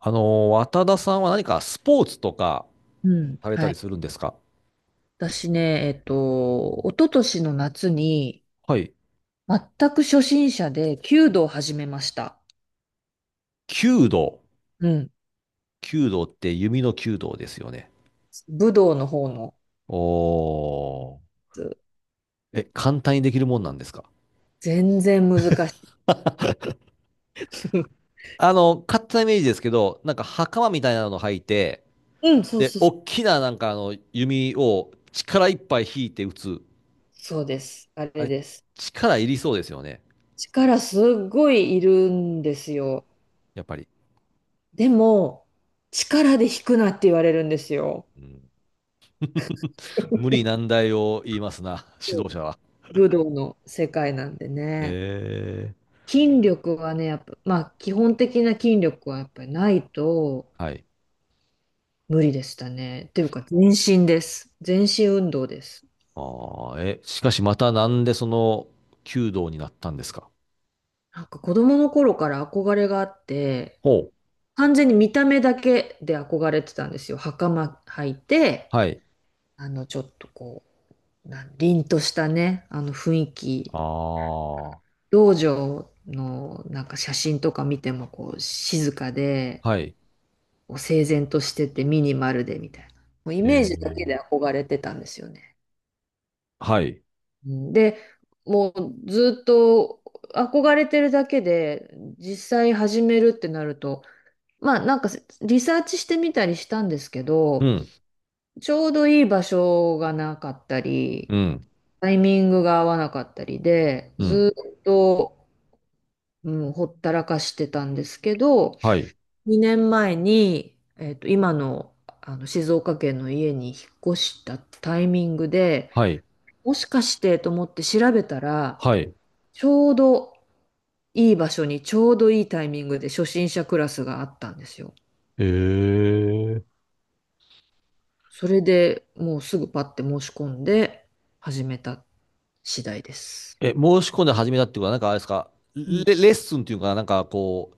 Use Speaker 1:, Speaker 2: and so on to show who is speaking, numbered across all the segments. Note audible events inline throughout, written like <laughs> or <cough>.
Speaker 1: 渡田さんは何かスポーツとか
Speaker 2: うん、
Speaker 1: された
Speaker 2: は
Speaker 1: り
Speaker 2: い。
Speaker 1: するんですか？
Speaker 2: 私ね、一昨年の夏に、
Speaker 1: はい。
Speaker 2: 全く初心者で弓道を始めました。
Speaker 1: 弓道。
Speaker 2: うん。
Speaker 1: 弓道って弓の弓道ですよね。
Speaker 2: 武道の方の
Speaker 1: おー。
Speaker 2: やつ、
Speaker 1: え、簡単にできるもんなんですか？
Speaker 2: 全然難しい。<laughs>
Speaker 1: 勝手なイメージですけど、なんか袴みたいなの履いて、
Speaker 2: うん、そう
Speaker 1: で、
Speaker 2: そうそう。
Speaker 1: 大きななんかあの弓を力いっぱい引いて打つ。
Speaker 2: そうです。あ
Speaker 1: あ
Speaker 2: れ
Speaker 1: れ、
Speaker 2: です。
Speaker 1: 力いりそうですよね。
Speaker 2: 力すっごいいるんですよ。
Speaker 1: やっぱり。
Speaker 2: でも、力で引くなって言われるんですよ。
Speaker 1: うん、
Speaker 2: <laughs>
Speaker 1: 無理難題を言いますな、
Speaker 2: そ
Speaker 1: 指
Speaker 2: う、
Speaker 1: 導者は。
Speaker 2: 武道の世界なんでね。
Speaker 1: え
Speaker 2: 筋力はね、やっぱ、まあ基本的な筋力はやっぱりないと、
Speaker 1: ー。はい。
Speaker 2: 無理でしたね。っていうか、全身です。全身運動です。
Speaker 1: ああ、え、しかしまたなんでその弓道になったんですか？
Speaker 2: なんか子供の頃から憧れがあって、
Speaker 1: ほう。
Speaker 2: 完全に見た目だけで憧れてたんですよ。袴履いて、
Speaker 1: はい。
Speaker 2: ちょっとこう、凛としたね、あの雰囲気。
Speaker 1: ああ、は
Speaker 2: 道場のなんか写真とか見てもこう、静かで、
Speaker 1: い。
Speaker 2: こう整然としててミニマルでみたいな。もうイ
Speaker 1: え
Speaker 2: メージだけ
Speaker 1: ー、
Speaker 2: で憧れてたんですよね。
Speaker 1: はい。
Speaker 2: うんで、もうずっと憧れてるだけで、実際始めるってなると、まあなんかリサーチしてみたりしたんですけ
Speaker 1: う
Speaker 2: ど、
Speaker 1: ん。
Speaker 2: ちょうどいい場所がなかったり、
Speaker 1: うん。
Speaker 2: タイミングが合わなかったりで、
Speaker 1: うん。
Speaker 2: ずっと、うん、ほったらかしてたんですけど、
Speaker 1: はい。
Speaker 2: 2年前に、今の、あの静岡県の家に引っ越したタイミングで、
Speaker 1: はい。
Speaker 2: もしかしてと思って調べたら、
Speaker 1: はい。
Speaker 2: ちょうどいい場所にちょうどいいタイミングで初心者クラスがあったんですよ。
Speaker 1: えー、
Speaker 2: それでもうすぐパッて申し込んで始めた次第です。
Speaker 1: え、申し込んで始めたってことは、なんかあれですか、レ、
Speaker 2: うん、
Speaker 1: レッスンっていうかな、なんかこ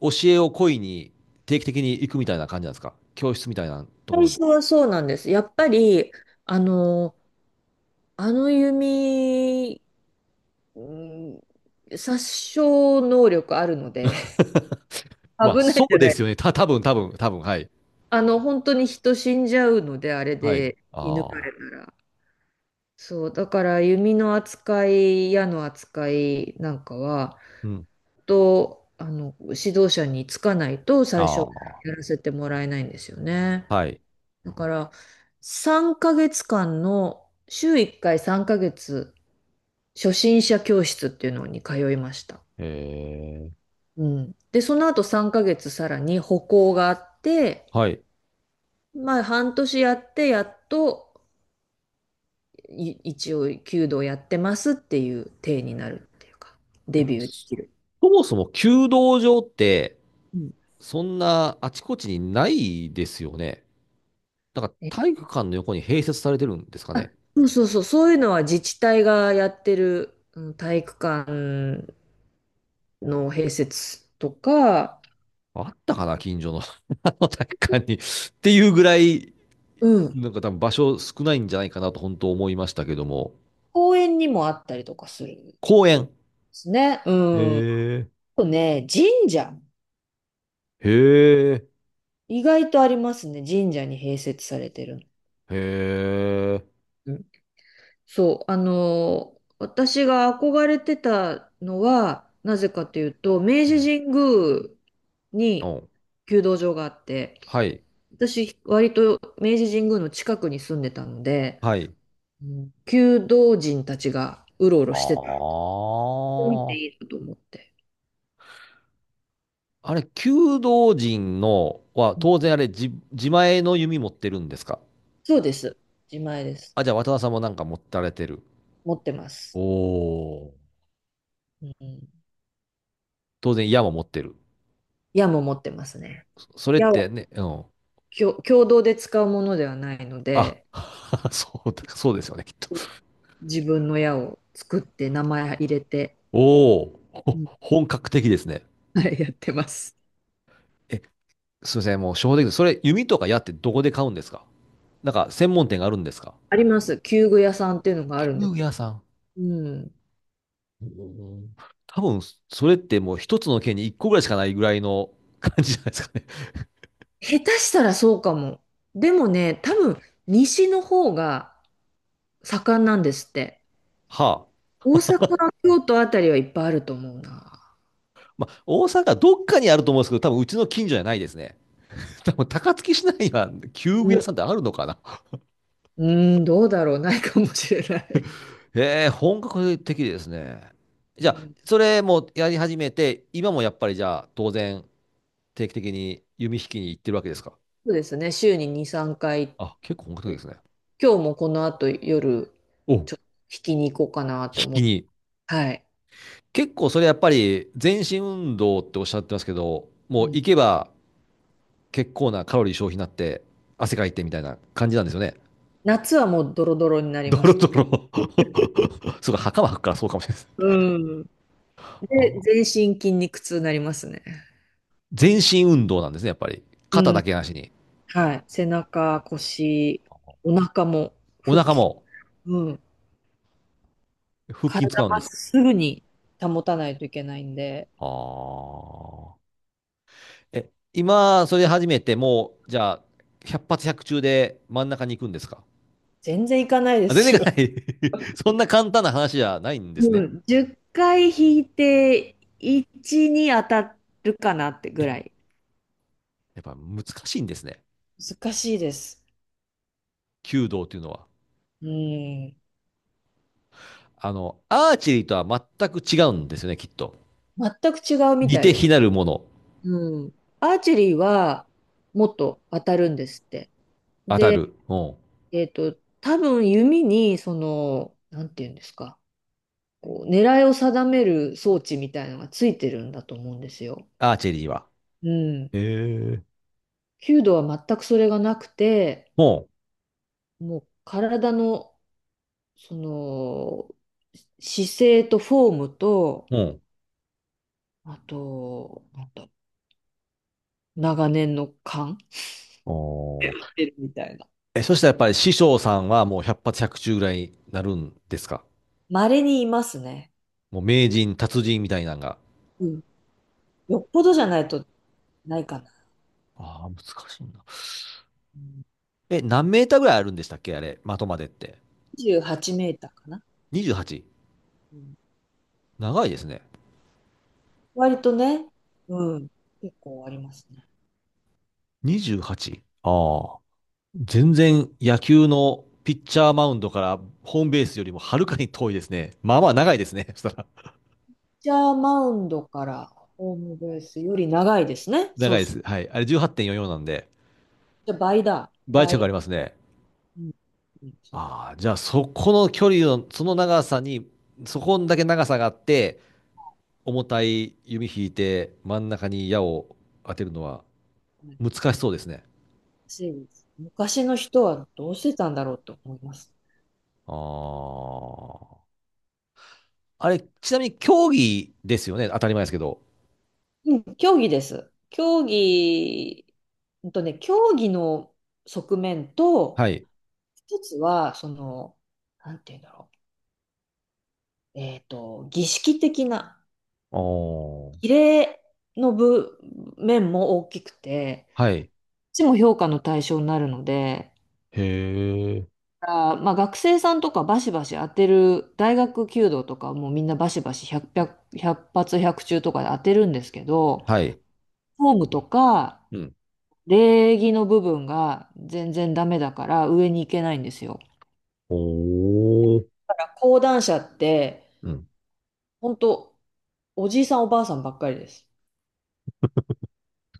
Speaker 1: う、教えを請いに定期的に行くみたいな感じなんですか？教室みたいなとこ
Speaker 2: 最
Speaker 1: ろに。
Speaker 2: 初はそうなんです。やっぱり、あの、あの弓、うん、殺傷能力あるので、<laughs>
Speaker 1: まあ、
Speaker 2: 危ない
Speaker 1: そ
Speaker 2: じ
Speaker 1: う
Speaker 2: ゃ
Speaker 1: で
Speaker 2: ない。
Speaker 1: すよね。多分多分多分、はい。
Speaker 2: 本当に人死んじゃうので、あれ
Speaker 1: はい。
Speaker 2: で射抜か
Speaker 1: あ
Speaker 2: れた
Speaker 1: あ。
Speaker 2: ら。そう、だから弓の扱い、矢の扱いなんかは、
Speaker 1: うん。
Speaker 2: と、あの、指導者につかないと
Speaker 1: あ
Speaker 2: 最初やら
Speaker 1: あ。
Speaker 2: せてもらえないんですよね。
Speaker 1: はい。
Speaker 2: だから、3ヶ月間の、週1回3ヶ月、初心者教室っていうのに通いました。
Speaker 1: えー
Speaker 2: うん。で、その後3ヶ月さらに歩行があって、
Speaker 1: はい。
Speaker 2: まあ、半年やって、やっと、一応、弓道やってますっていう体になるっていうか、デビューできる。
Speaker 1: そもそも弓道場って、
Speaker 2: うん
Speaker 1: そんなあちこちにないですよね。なんか体育館の横に併設されてるんですか
Speaker 2: あ
Speaker 1: ね。
Speaker 2: そうそうそう、そういうのは自治体がやってる、うん、体育館の併設とか、
Speaker 1: あったかな、近所の <laughs> あの体育館に。っていうぐらい、
Speaker 2: うん、
Speaker 1: なんか多分場所少ないんじゃないかなと本当思いましたけども。
Speaker 2: 公園にもあったりとかするんで
Speaker 1: 公園。
Speaker 2: すね。う
Speaker 1: へ
Speaker 2: ん。あ
Speaker 1: え。
Speaker 2: とね、神社。
Speaker 1: へえ、
Speaker 2: 意外とありますね。神社に併設されてるの。
Speaker 1: へえ。
Speaker 2: うんそう、私が憧れてたのは、なぜかというと、明治神宮
Speaker 1: う
Speaker 2: に
Speaker 1: ん。
Speaker 2: 弓道場があって、
Speaker 1: はい。
Speaker 2: 私、割と明治神宮の近くに住んでたので、
Speaker 1: はい。
Speaker 2: うん、弓道人たちがうろうろ
Speaker 1: あ
Speaker 2: してて、見て
Speaker 1: あ。
Speaker 2: いいなと思って。
Speaker 1: あれ、弓道陣のは、
Speaker 2: うん、
Speaker 1: 当然あれ自前の弓持ってるんですか？
Speaker 2: そうです。自前です。
Speaker 1: あ、じゃあ渡田さんもなんか持たれてる。
Speaker 2: 持ってます。
Speaker 1: おー。
Speaker 2: うん。
Speaker 1: 当然矢も持ってる。
Speaker 2: 矢も持ってますね。
Speaker 1: それっ
Speaker 2: 矢は
Speaker 1: てね、うん。
Speaker 2: 共同で使うものではないの
Speaker 1: あ、
Speaker 2: で、
Speaker 1: <laughs> そうだ、そうですよね、きっと。
Speaker 2: うん、自分の矢を作って名前入れて、
Speaker 1: おー。
Speaker 2: う
Speaker 1: ほ
Speaker 2: ん、
Speaker 1: 本格的ですね。
Speaker 2: はい、やってます。
Speaker 1: え、すいません、もう正直です、それ弓とか矢ってどこで買うんですか？なんか専門店があるんですか？
Speaker 2: あります。弓具屋さんっていうのがあるんで
Speaker 1: 弓
Speaker 2: す。
Speaker 1: 矢さん。
Speaker 2: うん。
Speaker 1: うん、多分、それってもう一つの県に一個ぐらいしかないぐらいの感じじゃないですかね。
Speaker 2: 下手したらそうかも。でもね、多分西の方が盛んなんですって。
Speaker 1: はあ。
Speaker 2: 大阪、京都あたりはいっぱいあると思うな。
Speaker 1: まあ、大阪どっかにあると思うんですけど、多分うちの近所じゃないですね。<laughs> 多分高槻市内には旧具屋
Speaker 2: う
Speaker 1: さんってあるのかな。
Speaker 2: ん、うん、どうだろう、ないかもしれない。
Speaker 1: へえ、本格的ですね。
Speaker 2: う
Speaker 1: じゃあ、
Speaker 2: ん、
Speaker 1: それもやり始めて、今もやっぱりじゃあ、当然、定期的に弓引きに行ってるわけですか。
Speaker 2: そうですね、週に2、3回、
Speaker 1: あ、結構本格的ですね。
Speaker 2: 今日もこの後夜、
Speaker 1: お、引
Speaker 2: ちょっと引きに行こうかなと思
Speaker 1: き
Speaker 2: って、
Speaker 1: に。
Speaker 2: はい。
Speaker 1: 結構それやっぱり全身運動っておっしゃってますけど、
Speaker 2: う
Speaker 1: もう
Speaker 2: ん、
Speaker 1: 行けば結構なカロリー消費になって、汗かいてみたいな感じなんですよね。
Speaker 2: 夏はもうドロドロになり
Speaker 1: ド
Speaker 2: ま
Speaker 1: ロ
Speaker 2: す。
Speaker 1: ドロ。<laughs> そうか、袴履くからそうかもしれないです。
Speaker 2: うん。で、
Speaker 1: ああ、
Speaker 2: 全身筋肉痛になりますね。
Speaker 1: 全身運動なんですね、やっぱり。
Speaker 2: う
Speaker 1: 肩
Speaker 2: ん。
Speaker 1: だけなしに。
Speaker 2: はい。背中、腰、お腹も、
Speaker 1: お
Speaker 2: 腹
Speaker 1: 腹
Speaker 2: 筋、
Speaker 1: も
Speaker 2: うん。
Speaker 1: 腹筋
Speaker 2: 体
Speaker 1: 使うん
Speaker 2: ま
Speaker 1: で
Speaker 2: っ
Speaker 1: す？
Speaker 2: すぐに保たないといけないんで、
Speaker 1: ああ。え、今、それ始めて、もう、じゃあ、百発百中で真ん中に行くんですか？
Speaker 2: 全然いかないで
Speaker 1: あ、全然い
Speaker 2: す。
Speaker 1: かない <laughs> そんな簡単な話じゃないんです
Speaker 2: う
Speaker 1: ね。
Speaker 2: ん、10回引いて1に当たるかなってぐ
Speaker 1: え、
Speaker 2: らい。
Speaker 1: やっぱ難しいんですね。
Speaker 2: 難しいです。
Speaker 1: 弓道というのは。
Speaker 2: うん。
Speaker 1: アーチェリーとは全く違うんですよね、きっと。
Speaker 2: 全く違うみ
Speaker 1: 似
Speaker 2: たい
Speaker 1: て
Speaker 2: です。
Speaker 1: 非なるもの、
Speaker 2: うん。アーチェリーはもっと当たるんですって。
Speaker 1: 当た
Speaker 2: で、
Speaker 1: る。うん。
Speaker 2: 多分弓に、その、なんていうんですか、こう狙いを定める装置みたいなのがついてるんだと思うんですよ。
Speaker 1: アーチェリーは。
Speaker 2: うん。
Speaker 1: ええ、
Speaker 2: 弓道は全くそれがなくて、
Speaker 1: うん。
Speaker 2: もう体のその、姿勢とフォームと、
Speaker 1: うん。
Speaker 2: あと、なんだ、長年の勘し
Speaker 1: おー、
Speaker 2: てるみたいな。
Speaker 1: え、そしたらやっぱり師匠さんはもう百発百中ぐらいになるんですか？
Speaker 2: 稀にいますね。
Speaker 1: もう名人、達人みたいなのが。
Speaker 2: うん。よっぽどじゃないとないかな。
Speaker 1: ああ、難しいな。
Speaker 2: うん、
Speaker 1: え、何メーターぐらいあるんでしたっけあれ、的までって。
Speaker 2: 28メーターかな。
Speaker 1: 28？
Speaker 2: うん。
Speaker 1: 長いですね。
Speaker 2: 割とね、うん。結構ありますね。
Speaker 1: 28？ ああ。全然野球のピッチャーマウンドからホームベースよりもはるかに遠いですね。まあまあ長いですね。<laughs> そしたら。
Speaker 2: ピッチャーマウンドからホームベースより長いですね。そ
Speaker 1: 長
Speaker 2: う
Speaker 1: いで
Speaker 2: そ
Speaker 1: す。
Speaker 2: う。
Speaker 1: はい。あれ18.44なんで、
Speaker 2: じゃあ倍だ。
Speaker 1: 倍近くあ
Speaker 2: 倍。
Speaker 1: りますね。
Speaker 2: うん。うんそう
Speaker 1: ああ、じゃあそこの距離の、その長さに、そこんだけ長さがあって、重たい弓引いて真ん中に矢を当てるのは
Speaker 2: はい
Speaker 1: 難しそうですね。
Speaker 2: そうです、昔の人はどうしてたんだろうと思います。
Speaker 1: ああ。あれ、ちなみに競技ですよね。当たり前ですけど。
Speaker 2: うん、競技です。競技、競技の側面と、
Speaker 1: はい。
Speaker 2: 一つは、その、なんて言うんだろう。儀式的な、
Speaker 1: ああ。
Speaker 2: 儀礼の部面も大きくて、
Speaker 1: は
Speaker 2: こ
Speaker 1: い。
Speaker 2: っちも評価の対象になるので、
Speaker 1: へえ。
Speaker 2: あー、まあ、学生さんとかバシバシ当てる、大学弓道とかはもうみんなバシバシ100、100発100中とかで当てるんですけど、
Speaker 1: はい。
Speaker 2: フォームとか、
Speaker 1: うん。
Speaker 2: 礼儀の部分が全然ダメだから上に行けないんですよ。
Speaker 1: おお。
Speaker 2: だから講談社って、
Speaker 1: うん。
Speaker 2: 本当おじいさんおばあさんばっかりです。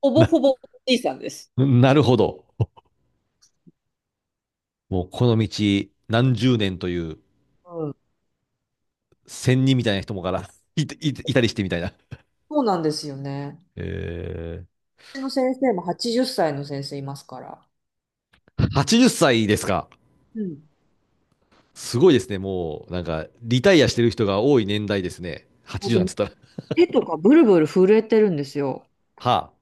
Speaker 2: ほぼ
Speaker 1: な
Speaker 2: ほぼおじいさんです。
Speaker 1: <laughs> なるほど。もうこの道何十年という
Speaker 2: うん。
Speaker 1: 仙人みたいな人もから <laughs> いたりしてみたいな。
Speaker 2: そうなんですよね。
Speaker 1: え
Speaker 2: うちの先生も80歳の先生いますから。
Speaker 1: ー、80歳ですか。
Speaker 2: うん。
Speaker 1: すごいですね。もう、なんか、リタイアしてる人が多い年代ですね。
Speaker 2: あ
Speaker 1: 80
Speaker 2: と
Speaker 1: なんて言ったら。
Speaker 2: 手とかブルブル震えてるんですよ。
Speaker 1: はあ。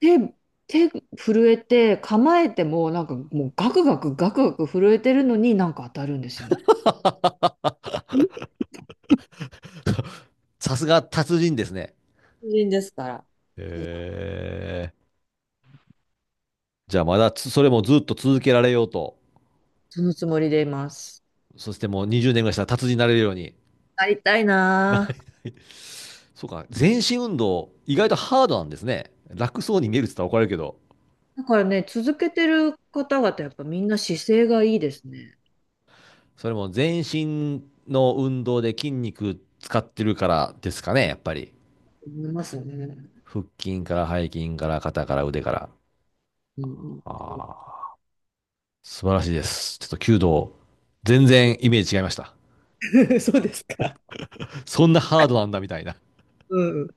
Speaker 2: 手、手震えて構えてもなんかもうガクガクガクガク震えてるのになんか当たるんですよね。うん。
Speaker 1: さすが達人ですね。
Speaker 2: 人ですから。
Speaker 1: へえ。じゃあまだそれもずっと続けられようと。
Speaker 2: そのつもりでいます。
Speaker 1: そしてもう20年ぐらいしたら達人になれるように。
Speaker 2: なりたいな
Speaker 1: な
Speaker 2: あ。
Speaker 1: そうか。全身運動、意外とハードなんですね。楽そうに見えるって言ったら怒られるけど。
Speaker 2: だからね、続けてる方々、やっぱみんな姿勢がいいですね。
Speaker 1: それも全身の運動で筋肉使ってるからですかね、やっぱり。
Speaker 2: 思いますよね。
Speaker 1: 腹筋から背筋から肩から腕から。
Speaker 2: うん
Speaker 1: ああ。素晴らしいです。ちょっと弓道、全然イメージ違いました。
Speaker 2: うん。<laughs> そうですか。
Speaker 1: そんなハードなんだみたいな。
Speaker 2: うん。